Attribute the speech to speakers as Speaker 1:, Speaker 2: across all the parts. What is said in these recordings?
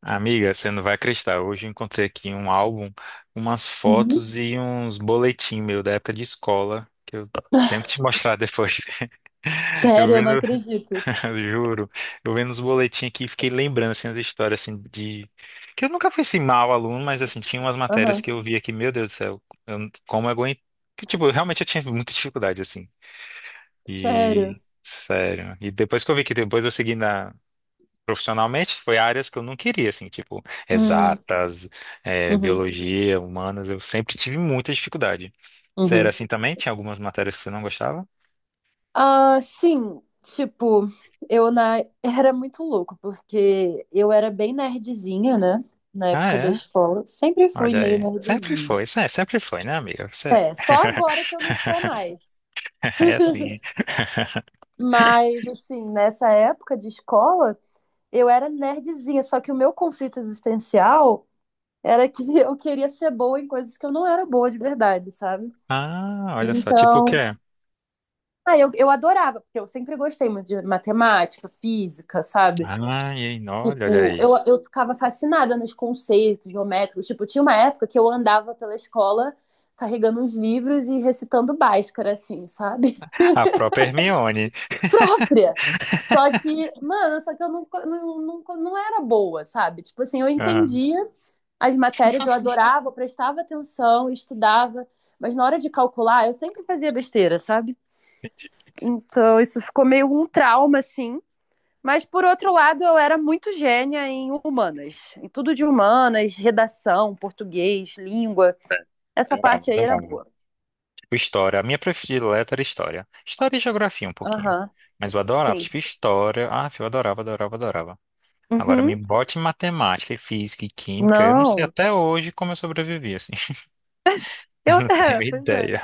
Speaker 1: Amiga, você não vai acreditar. Hoje eu encontrei aqui um álbum, umas
Speaker 2: Uhum.
Speaker 1: fotos e uns boletim meu da época de escola, que eu tenho que te mostrar depois. Eu
Speaker 2: Sério, eu não
Speaker 1: vendo,
Speaker 2: acredito.
Speaker 1: juro, eu vendo os boletins aqui, fiquei lembrando assim as histórias assim de que eu nunca fui assim mau aluno, mas assim tinha umas matérias
Speaker 2: Aham.
Speaker 1: que eu via que, meu Deus do céu, como eu aguento, que tipo, realmente eu tinha muita dificuldade assim.
Speaker 2: Sério.
Speaker 1: E sério. E depois que eu vi que depois eu segui na Profissionalmente, foi áreas que eu não queria, assim, tipo,
Speaker 2: Hum.
Speaker 1: exatas,
Speaker 2: Uhum.
Speaker 1: biologia, humanas, eu sempre tive muita dificuldade. Você era
Speaker 2: Uhum.
Speaker 1: assim também? Tinha algumas matérias que você não gostava?
Speaker 2: Ah, sim. Tipo, eu na... era muito louco, porque eu era bem nerdzinha, né? Na
Speaker 1: Ah,
Speaker 2: época da
Speaker 1: é?
Speaker 2: escola. Sempre fui
Speaker 1: Olha
Speaker 2: meio
Speaker 1: aí. Sempre
Speaker 2: nerdzinha.
Speaker 1: foi, sempre foi, né, amiga? Você
Speaker 2: É, só agora que eu não sou mais.
Speaker 1: é assim.
Speaker 2: Mas, assim, nessa época de escola, eu era nerdzinha. Só que o meu conflito existencial era que eu queria ser boa em coisas que eu não era boa de verdade, sabe?
Speaker 1: Ah, olha só, tipo o
Speaker 2: Então,
Speaker 1: quê?
Speaker 2: ah, eu adorava, porque eu sempre gostei muito de matemática, física, sabe?
Speaker 1: Ai, hein, olha, olha
Speaker 2: Tipo, eu,
Speaker 1: aí.
Speaker 2: eu ficava fascinada nos conceitos geométricos. Tipo, tinha uma época que eu andava pela escola carregando uns livros e recitando Bhaskara, assim, sabe?
Speaker 1: A própria Hermione.
Speaker 2: Própria. Só que, mano, só que eu não era boa, sabe? Tipo assim, eu
Speaker 1: Ah,
Speaker 2: entendia as matérias, eu adorava, eu prestava atenção, estudava, mas na hora de calcular, eu sempre fazia besteira, sabe? Então, isso ficou meio um trauma, assim. Mas, por outro lado, eu era muito gênia em humanas. Em tudo de humanas, redação, português, língua. Essa
Speaker 1: adorava,
Speaker 2: parte aí era
Speaker 1: adorava.
Speaker 2: boa.
Speaker 1: História. A minha predileta era história. História e geografia um pouquinho.
Speaker 2: Aham,
Speaker 1: Mas eu adorava,
Speaker 2: sim.
Speaker 1: tipo, história. Ah, eu adorava, adorava, adorava. Agora
Speaker 2: Uhum.
Speaker 1: me bote em matemática, e física e química. Eu não sei
Speaker 2: Não.
Speaker 1: até hoje como eu sobrevivi, assim. Eu
Speaker 2: Eu,
Speaker 1: não tenho
Speaker 2: é, pois é.
Speaker 1: ideia.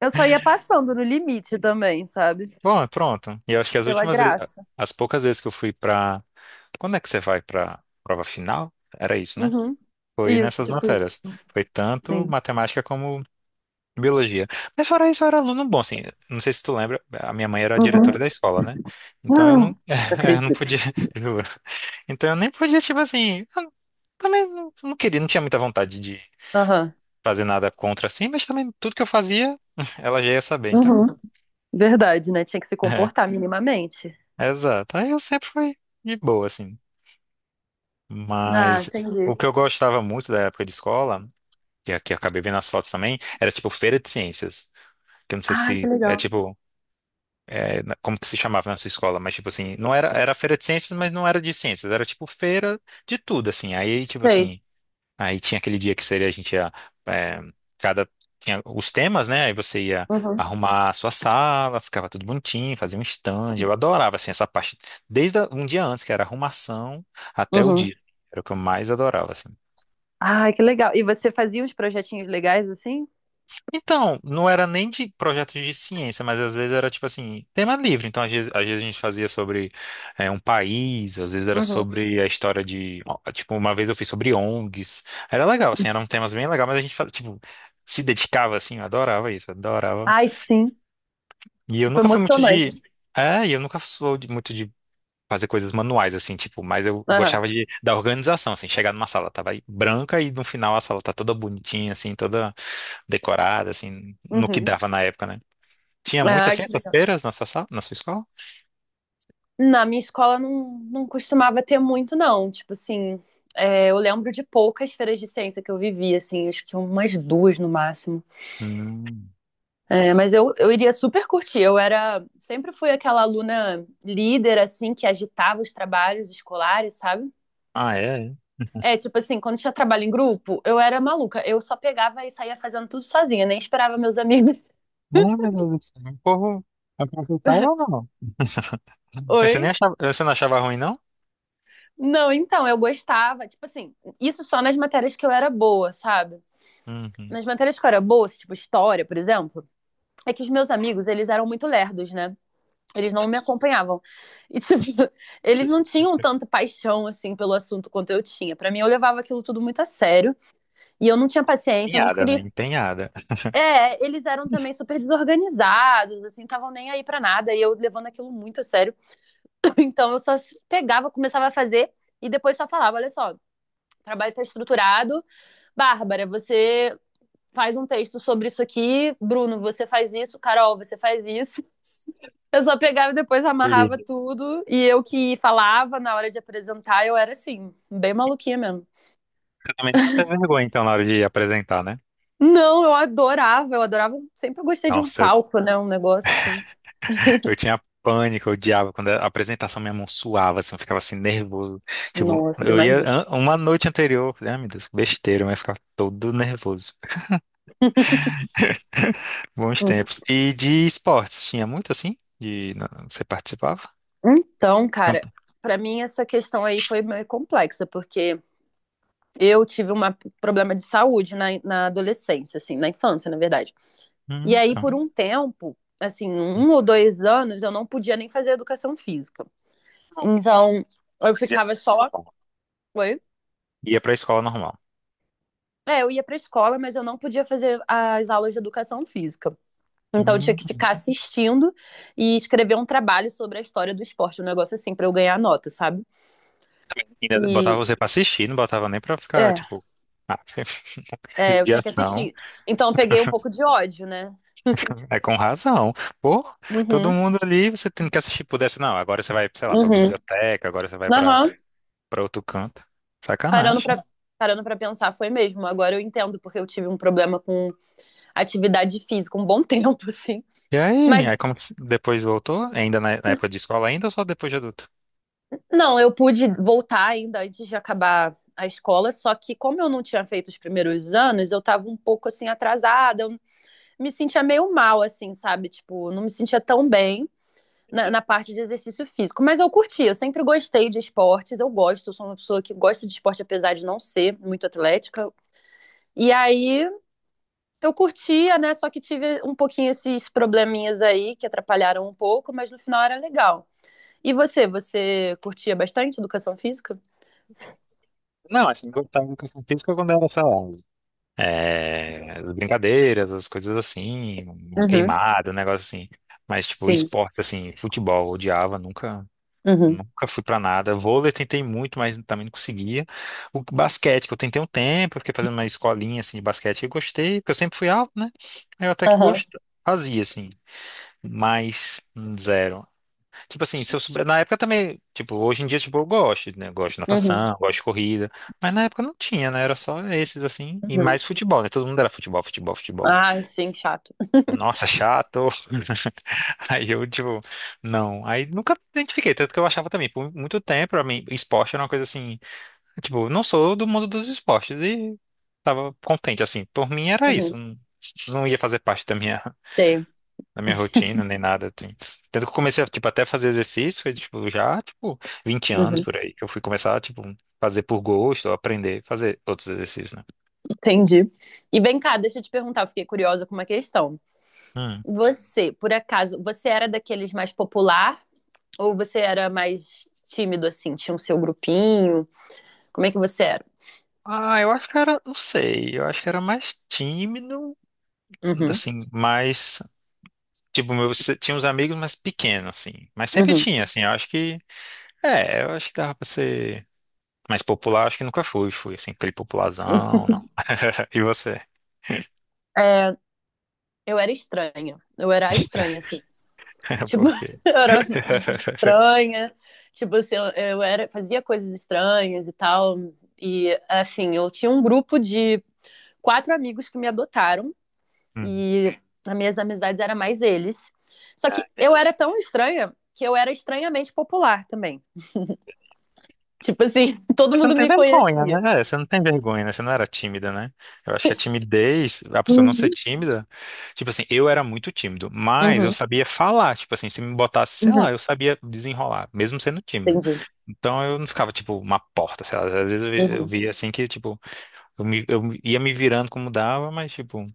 Speaker 2: Eu só ia passando no limite também, sabe?
Speaker 1: Bom, pronto. E eu acho que
Speaker 2: Pela graça.
Speaker 1: as poucas vezes que eu fui pra. Quando é que você vai pra prova final? Era isso, né?
Speaker 2: Uhum.
Speaker 1: Foi
Speaker 2: Isso,
Speaker 1: nessas
Speaker 2: tipo isso.
Speaker 1: matérias. Foi tanto
Speaker 2: Sim.
Speaker 1: matemática como Biologia. Mas fora isso, eu era aluno bom, assim. Não sei se tu lembra, a minha mãe era a diretora
Speaker 2: Uhum.
Speaker 1: da escola, né?
Speaker 2: Ah,
Speaker 1: Então eu não,
Speaker 2: não
Speaker 1: eu não podia,
Speaker 2: acredito.
Speaker 1: juro. Então eu nem podia, tipo assim, eu também não, não queria, não tinha muita vontade de
Speaker 2: Aham.
Speaker 1: fazer nada contra assim, mas também tudo que eu fazia, ela já ia saber, então.
Speaker 2: Uhum. Verdade, né? Tinha que se comportar minimamente.
Speaker 1: É, exato. Aí eu sempre fui de boa, assim.
Speaker 2: Ah,
Speaker 1: Mas o
Speaker 2: entendi.
Speaker 1: que eu gostava muito da época de escola, que aqui eu acabei vendo as fotos também, era tipo feira de ciências. Que eu não sei
Speaker 2: Ah, que
Speaker 1: se é
Speaker 2: legal.
Speaker 1: tipo. É, como que se chamava na sua escola, mas tipo assim, não era, era feira de ciências, mas não era de ciências, era tipo feira de tudo, assim. Aí, tipo
Speaker 2: Sei.
Speaker 1: assim, aí tinha aquele dia que seria a gente ia, é, cada, tinha os temas, né? Aí você ia
Speaker 2: Uhum.
Speaker 1: arrumar a sua sala, ficava tudo bonitinho, fazia um stand. Eu adorava, assim, essa parte, desde um dia antes, que era arrumação, até o
Speaker 2: Uhum.
Speaker 1: dia. Era o que eu mais adorava, assim.
Speaker 2: Ai, que legal. E você fazia uns projetinhos legais assim?
Speaker 1: Então, não era nem de projetos de ciência, mas às vezes era tipo assim, tema livre. Então, às vezes a gente fazia sobre é, um país, às vezes era
Speaker 2: Uhum.
Speaker 1: sobre a história de. Ó, tipo, uma vez eu fiz sobre ONGs. Era legal, assim, eram temas bem legais, mas a gente fazia, tipo, se dedicava, assim, eu adorava isso, adorava.
Speaker 2: Ai, sim.
Speaker 1: E eu
Speaker 2: Tipo,
Speaker 1: nunca fui muito de.
Speaker 2: emocionante.
Speaker 1: É, e eu nunca sou muito de fazer coisas manuais, assim, tipo, mas eu
Speaker 2: Aham.
Speaker 1: gostava de, da organização, assim, chegar numa sala, tava aí branca e no final a sala tá toda bonitinha, assim, toda decorada, assim, no que
Speaker 2: Uhum.
Speaker 1: dava na época, né? Tinha muito
Speaker 2: Ai,
Speaker 1: assim
Speaker 2: que
Speaker 1: essas
Speaker 2: legal.
Speaker 1: feiras na sua sala, na sua escola?
Speaker 2: Na minha escola não, não costumava ter muito, não. Tipo assim, é, eu lembro de poucas feiras de ciência que eu vivi, assim, acho que umas duas no máximo.
Speaker 1: Hum.
Speaker 2: É, mas eu iria super curtir. Eu era, sempre fui aquela aluna líder, assim, que agitava os trabalhos escolares, sabe?
Speaker 1: Ah, é? É.
Speaker 2: É, tipo assim, quando tinha trabalho em grupo, eu era maluca. Eu só pegava e saía fazendo tudo sozinha, nem esperava meus amigos.
Speaker 1: Ah, meu Deus do céu. O povo aproveitava ou não? Mas você nem
Speaker 2: Oi?
Speaker 1: achava, você não achava ruim, não?
Speaker 2: Não, então, eu gostava, tipo assim, isso só nas matérias que eu era boa, sabe?
Speaker 1: Uhum.
Speaker 2: Nas matérias que eu era boa, assim, tipo história, por exemplo, é que os meus amigos, eles eram muito lerdos, né? Eles não me acompanhavam. E, tipo, eles não tinham tanta paixão, assim, pelo assunto quanto eu tinha. Pra mim, eu levava aquilo tudo muito a sério. E eu não tinha paciência, eu não
Speaker 1: Empenhada, né?
Speaker 2: queria.
Speaker 1: Empenhada.
Speaker 2: É, eles eram também super desorganizados, assim, estavam nem aí pra nada, e eu levando aquilo muito a sério. Então eu só pegava, começava a fazer e depois só falava, olha só, o trabalho tá estruturado, Bárbara, você faz um texto sobre isso aqui, Bruno, você faz isso, Carol, você faz isso. Eu só pegava e depois amarrava
Speaker 1: Líder.
Speaker 2: tudo, e eu que falava na hora de apresentar, eu era assim, bem maluquinha mesmo.
Speaker 1: Você também nunca teve vergonha, então, na hora de apresentar, né?
Speaker 2: Não, eu adorava, sempre gostei de um
Speaker 1: Nossa, eu,
Speaker 2: palco, né, um negócio assim.
Speaker 1: eu tinha pânico, eu odiava quando a apresentação minha mão suava, assim, eu ficava assim, nervoso. Tipo,
Speaker 2: Nossa,
Speaker 1: eu ia
Speaker 2: imagina.
Speaker 1: uma noite anterior, eu falei, ah, meu Deus, que besteira, mas eu ficava todo nervoso. Bons tempos. E de esportes, tinha muito assim? Você participava?
Speaker 2: Então, cara,
Speaker 1: Campo.
Speaker 2: pra mim essa questão aí foi meio complexa, porque eu tive um problema de saúde na adolescência, assim, na infância, na verdade. E aí,
Speaker 1: Tá.
Speaker 2: por um tempo, assim,
Speaker 1: Hum.
Speaker 2: um ou dois anos, eu não podia nem fazer educação física. Então, eu
Speaker 1: Fazia
Speaker 2: ficava só.
Speaker 1: normal.
Speaker 2: Oi?
Speaker 1: Ia pra escola normal.
Speaker 2: É, eu ia pra escola, mas eu não podia fazer as aulas de educação física. Então, eu tinha
Speaker 1: Hum.
Speaker 2: que ficar assistindo e escrever um trabalho sobre a história do esporte, um negócio assim, pra eu ganhar nota, sabe?
Speaker 1: Ainda botava
Speaker 2: E.
Speaker 1: você pra assistir, não botava nem pra ficar,
Speaker 2: É,
Speaker 1: tipo, ah,
Speaker 2: é, eu tinha que
Speaker 1: judiação.
Speaker 2: assistir. Então eu peguei um pouco de ódio, né?
Speaker 1: É com razão. Pô, todo
Speaker 2: Uhum,
Speaker 1: mundo ali, você tem que assistir, pudesse, não. Agora você vai, sei lá, pra
Speaker 2: uhum.
Speaker 1: biblioteca, agora você vai pra,
Speaker 2: Aham.
Speaker 1: pra outro canto.
Speaker 2: Parando
Speaker 1: Sacanagem.
Speaker 2: pra, parando pra pensar, foi mesmo. Agora eu entendo, porque eu tive um problema com atividade física um bom tempo, assim.
Speaker 1: E aí,
Speaker 2: Mas
Speaker 1: aí como que depois voltou? Ainda na época de escola ainda ou só depois de adulto?
Speaker 2: não, eu pude voltar ainda antes de acabar a escola, só que como eu não tinha feito os primeiros anos, eu tava um pouco assim atrasada, eu me sentia meio mal assim, sabe? Tipo, não me sentia tão bem. Na parte de exercício físico. Mas eu curti, eu sempre gostei de esportes, eu gosto, eu sou uma pessoa que gosta de esporte, apesar de não ser muito atlética. E aí eu curtia, né? Só que tive um pouquinho esses probleminhas aí que atrapalharam um pouco, mas no final era legal. E você, você curtia bastante educação física?
Speaker 1: Não, assim, gostava de educação física quando era, sei lá, é, as brincadeiras, as coisas assim, uma
Speaker 2: Uhum,
Speaker 1: queimada, um negócio assim. Mas, tipo,
Speaker 2: sim.
Speaker 1: esportes, assim, futebol, odiava, nunca,
Speaker 2: Uhum,
Speaker 1: nunca fui pra nada. Vôlei tentei muito, mas também não conseguia. O basquete, que eu tentei um tempo, eu fiquei fazendo uma escolinha, assim, de basquete, eu gostei, porque eu sempre fui alto, né? Aí eu até que
Speaker 2: aham,
Speaker 1: gostava, fazia, assim, mas zero. Tipo assim, se eu souber, na época também, tipo, hoje em dia, tipo, eu gosto, né? Eu gosto de
Speaker 2: uhum,
Speaker 1: natação, gosto de corrida, mas na época não tinha, né? Era só esses, assim, e
Speaker 2: uhum.
Speaker 1: mais futebol, né? Todo mundo era futebol, futebol, futebol.
Speaker 2: Ai, sim, chato.
Speaker 1: Nossa, chato! Aí eu, tipo, não. Aí nunca me identifiquei, tanto que eu achava também, por muito tempo, pra mim, esporte era uma coisa assim, tipo, não sou do mundo dos esportes, e tava contente, assim, por mim era
Speaker 2: Uhum,
Speaker 1: isso, não, não ia fazer parte da minha
Speaker 2: sei.
Speaker 1: na minha rotina, nem nada, assim. Tanto que eu comecei a, tipo, até fazer exercício, foi, tipo, já, tipo, 20 anos
Speaker 2: Uhum,
Speaker 1: por aí, que eu fui começar, tipo, fazer por gosto, ou aprender, a fazer outros exercícios, né?
Speaker 2: entendi. E vem cá, deixa eu te perguntar, eu fiquei curiosa com uma questão.
Speaker 1: Hum.
Speaker 2: Você, por acaso, você era daqueles mais popular ou você era mais tímido, assim? Tinha o seu grupinho? Como é que você era?
Speaker 1: Ah, eu acho que era, não sei, eu acho que era mais tímido,
Speaker 2: Uhum,
Speaker 1: assim, mais, tipo, meu, tinha uns amigos mais pequenos, assim, mas sempre
Speaker 2: uhum.
Speaker 1: tinha, assim, eu acho que, é, eu acho que dava pra ser mais popular, acho que nunca fui, assim, aquele popularzão, não. E você?
Speaker 2: É, eu era estranha. Eu era a estranha,
Speaker 1: Estranho,
Speaker 2: assim. Tipo,
Speaker 1: por quê?
Speaker 2: eu era estranha. Tipo, assim, eu era, fazia coisas estranhas e tal. E, assim, eu tinha um grupo de quatro amigos que me adotaram.
Speaker 1: Hum.
Speaker 2: E as minhas amizades eram mais eles. Só que eu era tão estranha que eu era estranhamente popular também. Tipo assim, todo
Speaker 1: Você não
Speaker 2: mundo
Speaker 1: tem
Speaker 2: me
Speaker 1: vergonha,
Speaker 2: conhecia.
Speaker 1: né? É, você não tem vergonha, né? Você não era tímida, né? Eu acho que a timidez, a pessoa não ser
Speaker 2: Uhum.
Speaker 1: tímida, tipo assim, eu era muito tímido, mas eu
Speaker 2: Uhum,
Speaker 1: sabia falar, tipo assim, se me botasse, sei lá,
Speaker 2: uhum.
Speaker 1: eu sabia desenrolar, mesmo sendo tímido.
Speaker 2: Entendi.
Speaker 1: Então eu não ficava, tipo, uma porta, sei lá, às vezes eu
Speaker 2: Uhum.
Speaker 1: via assim que, tipo, eu ia me virando como dava, mas, tipo,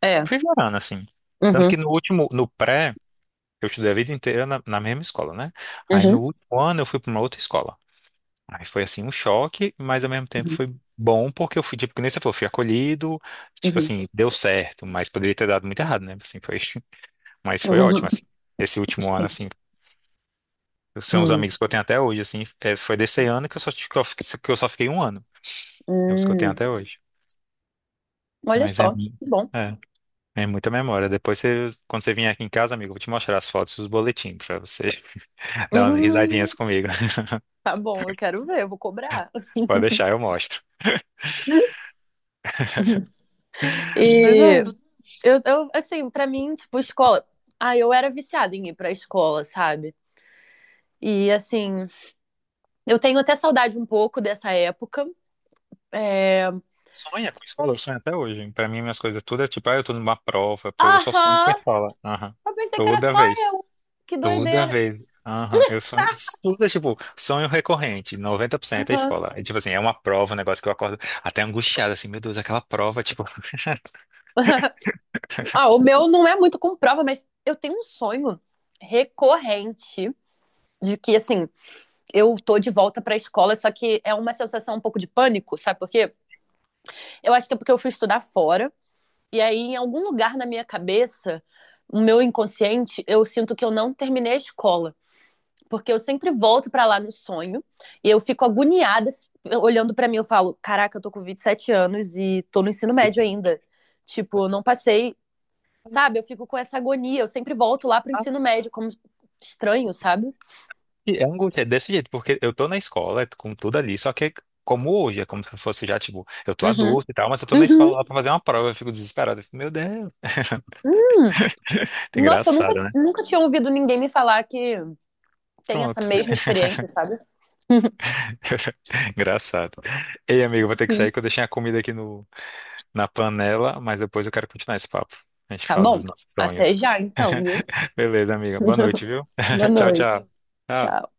Speaker 2: É.
Speaker 1: fui virando, assim. Tanto
Speaker 2: Uhum,
Speaker 1: que no pré, eu estudei a vida inteira na mesma escola, né? Aí no
Speaker 2: uhum,
Speaker 1: último ano eu fui para uma outra escola. Aí foi assim um choque, mas ao mesmo tempo
Speaker 2: uhum.
Speaker 1: foi bom porque eu fui, tipo, que nem você falou, fui acolhido, tipo
Speaker 2: Uhum.
Speaker 1: assim, deu certo, mas poderia ter dado muito errado, né? Assim, foi, mas foi ótimo,
Speaker 2: Uhum.
Speaker 1: assim. Esse último ano,
Speaker 2: Sim.
Speaker 1: assim, são os
Speaker 2: Hum.
Speaker 1: amigos que eu tenho até hoje, assim, é, foi desse ano que eu só fiquei um ano, é os que eu tenho
Speaker 2: Hum.
Speaker 1: até hoje.
Speaker 2: Olha
Speaker 1: Mas
Speaker 2: só, que bom.
Speaker 1: é, é muita memória. Depois, quando você vier aqui em casa, amigo, eu vou te mostrar as fotos e os boletins pra você dar umas risadinhas
Speaker 2: Hum,
Speaker 1: comigo.
Speaker 2: Tá bom, eu quero ver, eu vou cobrar.
Speaker 1: Pode deixar, eu mostro. mas
Speaker 2: E
Speaker 1: é
Speaker 2: eu, assim, pra mim, tipo, escola. Ah, eu era viciada em ir pra escola, sabe? E assim, eu tenho até saudade um pouco dessa época. É...
Speaker 1: Sonha com escola, eu sonho até hoje. Pra mim, minhas coisas tudo é tipo, ah, eu tô numa prova, eu só sonho com
Speaker 2: Aham!
Speaker 1: escola. Aham.
Speaker 2: Eu pensei que era
Speaker 1: Toda
Speaker 2: só.
Speaker 1: vez.
Speaker 2: Que
Speaker 1: Toda
Speaker 2: doideira!
Speaker 1: vez. Aham. Eu sonho. Tudo é tipo, sonho recorrente. 90% é
Speaker 2: Aham.
Speaker 1: escola. É, tipo assim, é uma prova, um negócio que eu acordo até angustiado, assim, meu Deus, aquela prova, tipo.
Speaker 2: Ah, o meu não é muito com prova, mas eu tenho um sonho recorrente de que, assim, eu tô de volta pra escola, só que é uma sensação um pouco de pânico, sabe por quê? Eu acho que é porque eu fui estudar fora, e aí em algum lugar na minha cabeça, no meu inconsciente, eu sinto que eu não terminei a escola. Porque eu sempre volto pra lá no sonho e eu fico agoniada olhando pra mim. Eu falo: Caraca, eu tô com 27 anos e tô no ensino médio ainda. Tipo, eu não passei. Sabe? Eu fico com essa agonia. Eu sempre volto lá pro ensino
Speaker 1: Ah,
Speaker 2: médio, como estranho, sabe?
Speaker 1: e é angústia, é desse jeito, porque eu tô na escola, com tudo ali, só que é como hoje, é como se eu fosse já, tipo, eu tô
Speaker 2: Uhum.
Speaker 1: adulto e tal, mas eu tô na
Speaker 2: Uhum.
Speaker 1: escola lá pra fazer uma prova, eu fico desesperado. Eu fico, meu Deus.
Speaker 2: Hum. Nossa, eu nunca,
Speaker 1: Engraçado, né?
Speaker 2: nunca tinha ouvido ninguém me falar que tem essa
Speaker 1: Pronto.
Speaker 2: mesma experiência, sabe?
Speaker 1: Engraçado. Ei, amigo, vou ter que sair
Speaker 2: Sim.
Speaker 1: que eu deixei a comida aqui no, na panela, mas depois eu quero continuar esse papo. A gente
Speaker 2: Tá
Speaker 1: fala
Speaker 2: bom.
Speaker 1: dos nossos sonhos.
Speaker 2: Até já, então, viu?
Speaker 1: Beleza, amiga. Boa noite, viu?
Speaker 2: Boa
Speaker 1: Tchau,
Speaker 2: noite.
Speaker 1: tchau.
Speaker 2: Tchau.
Speaker 1: Tchau.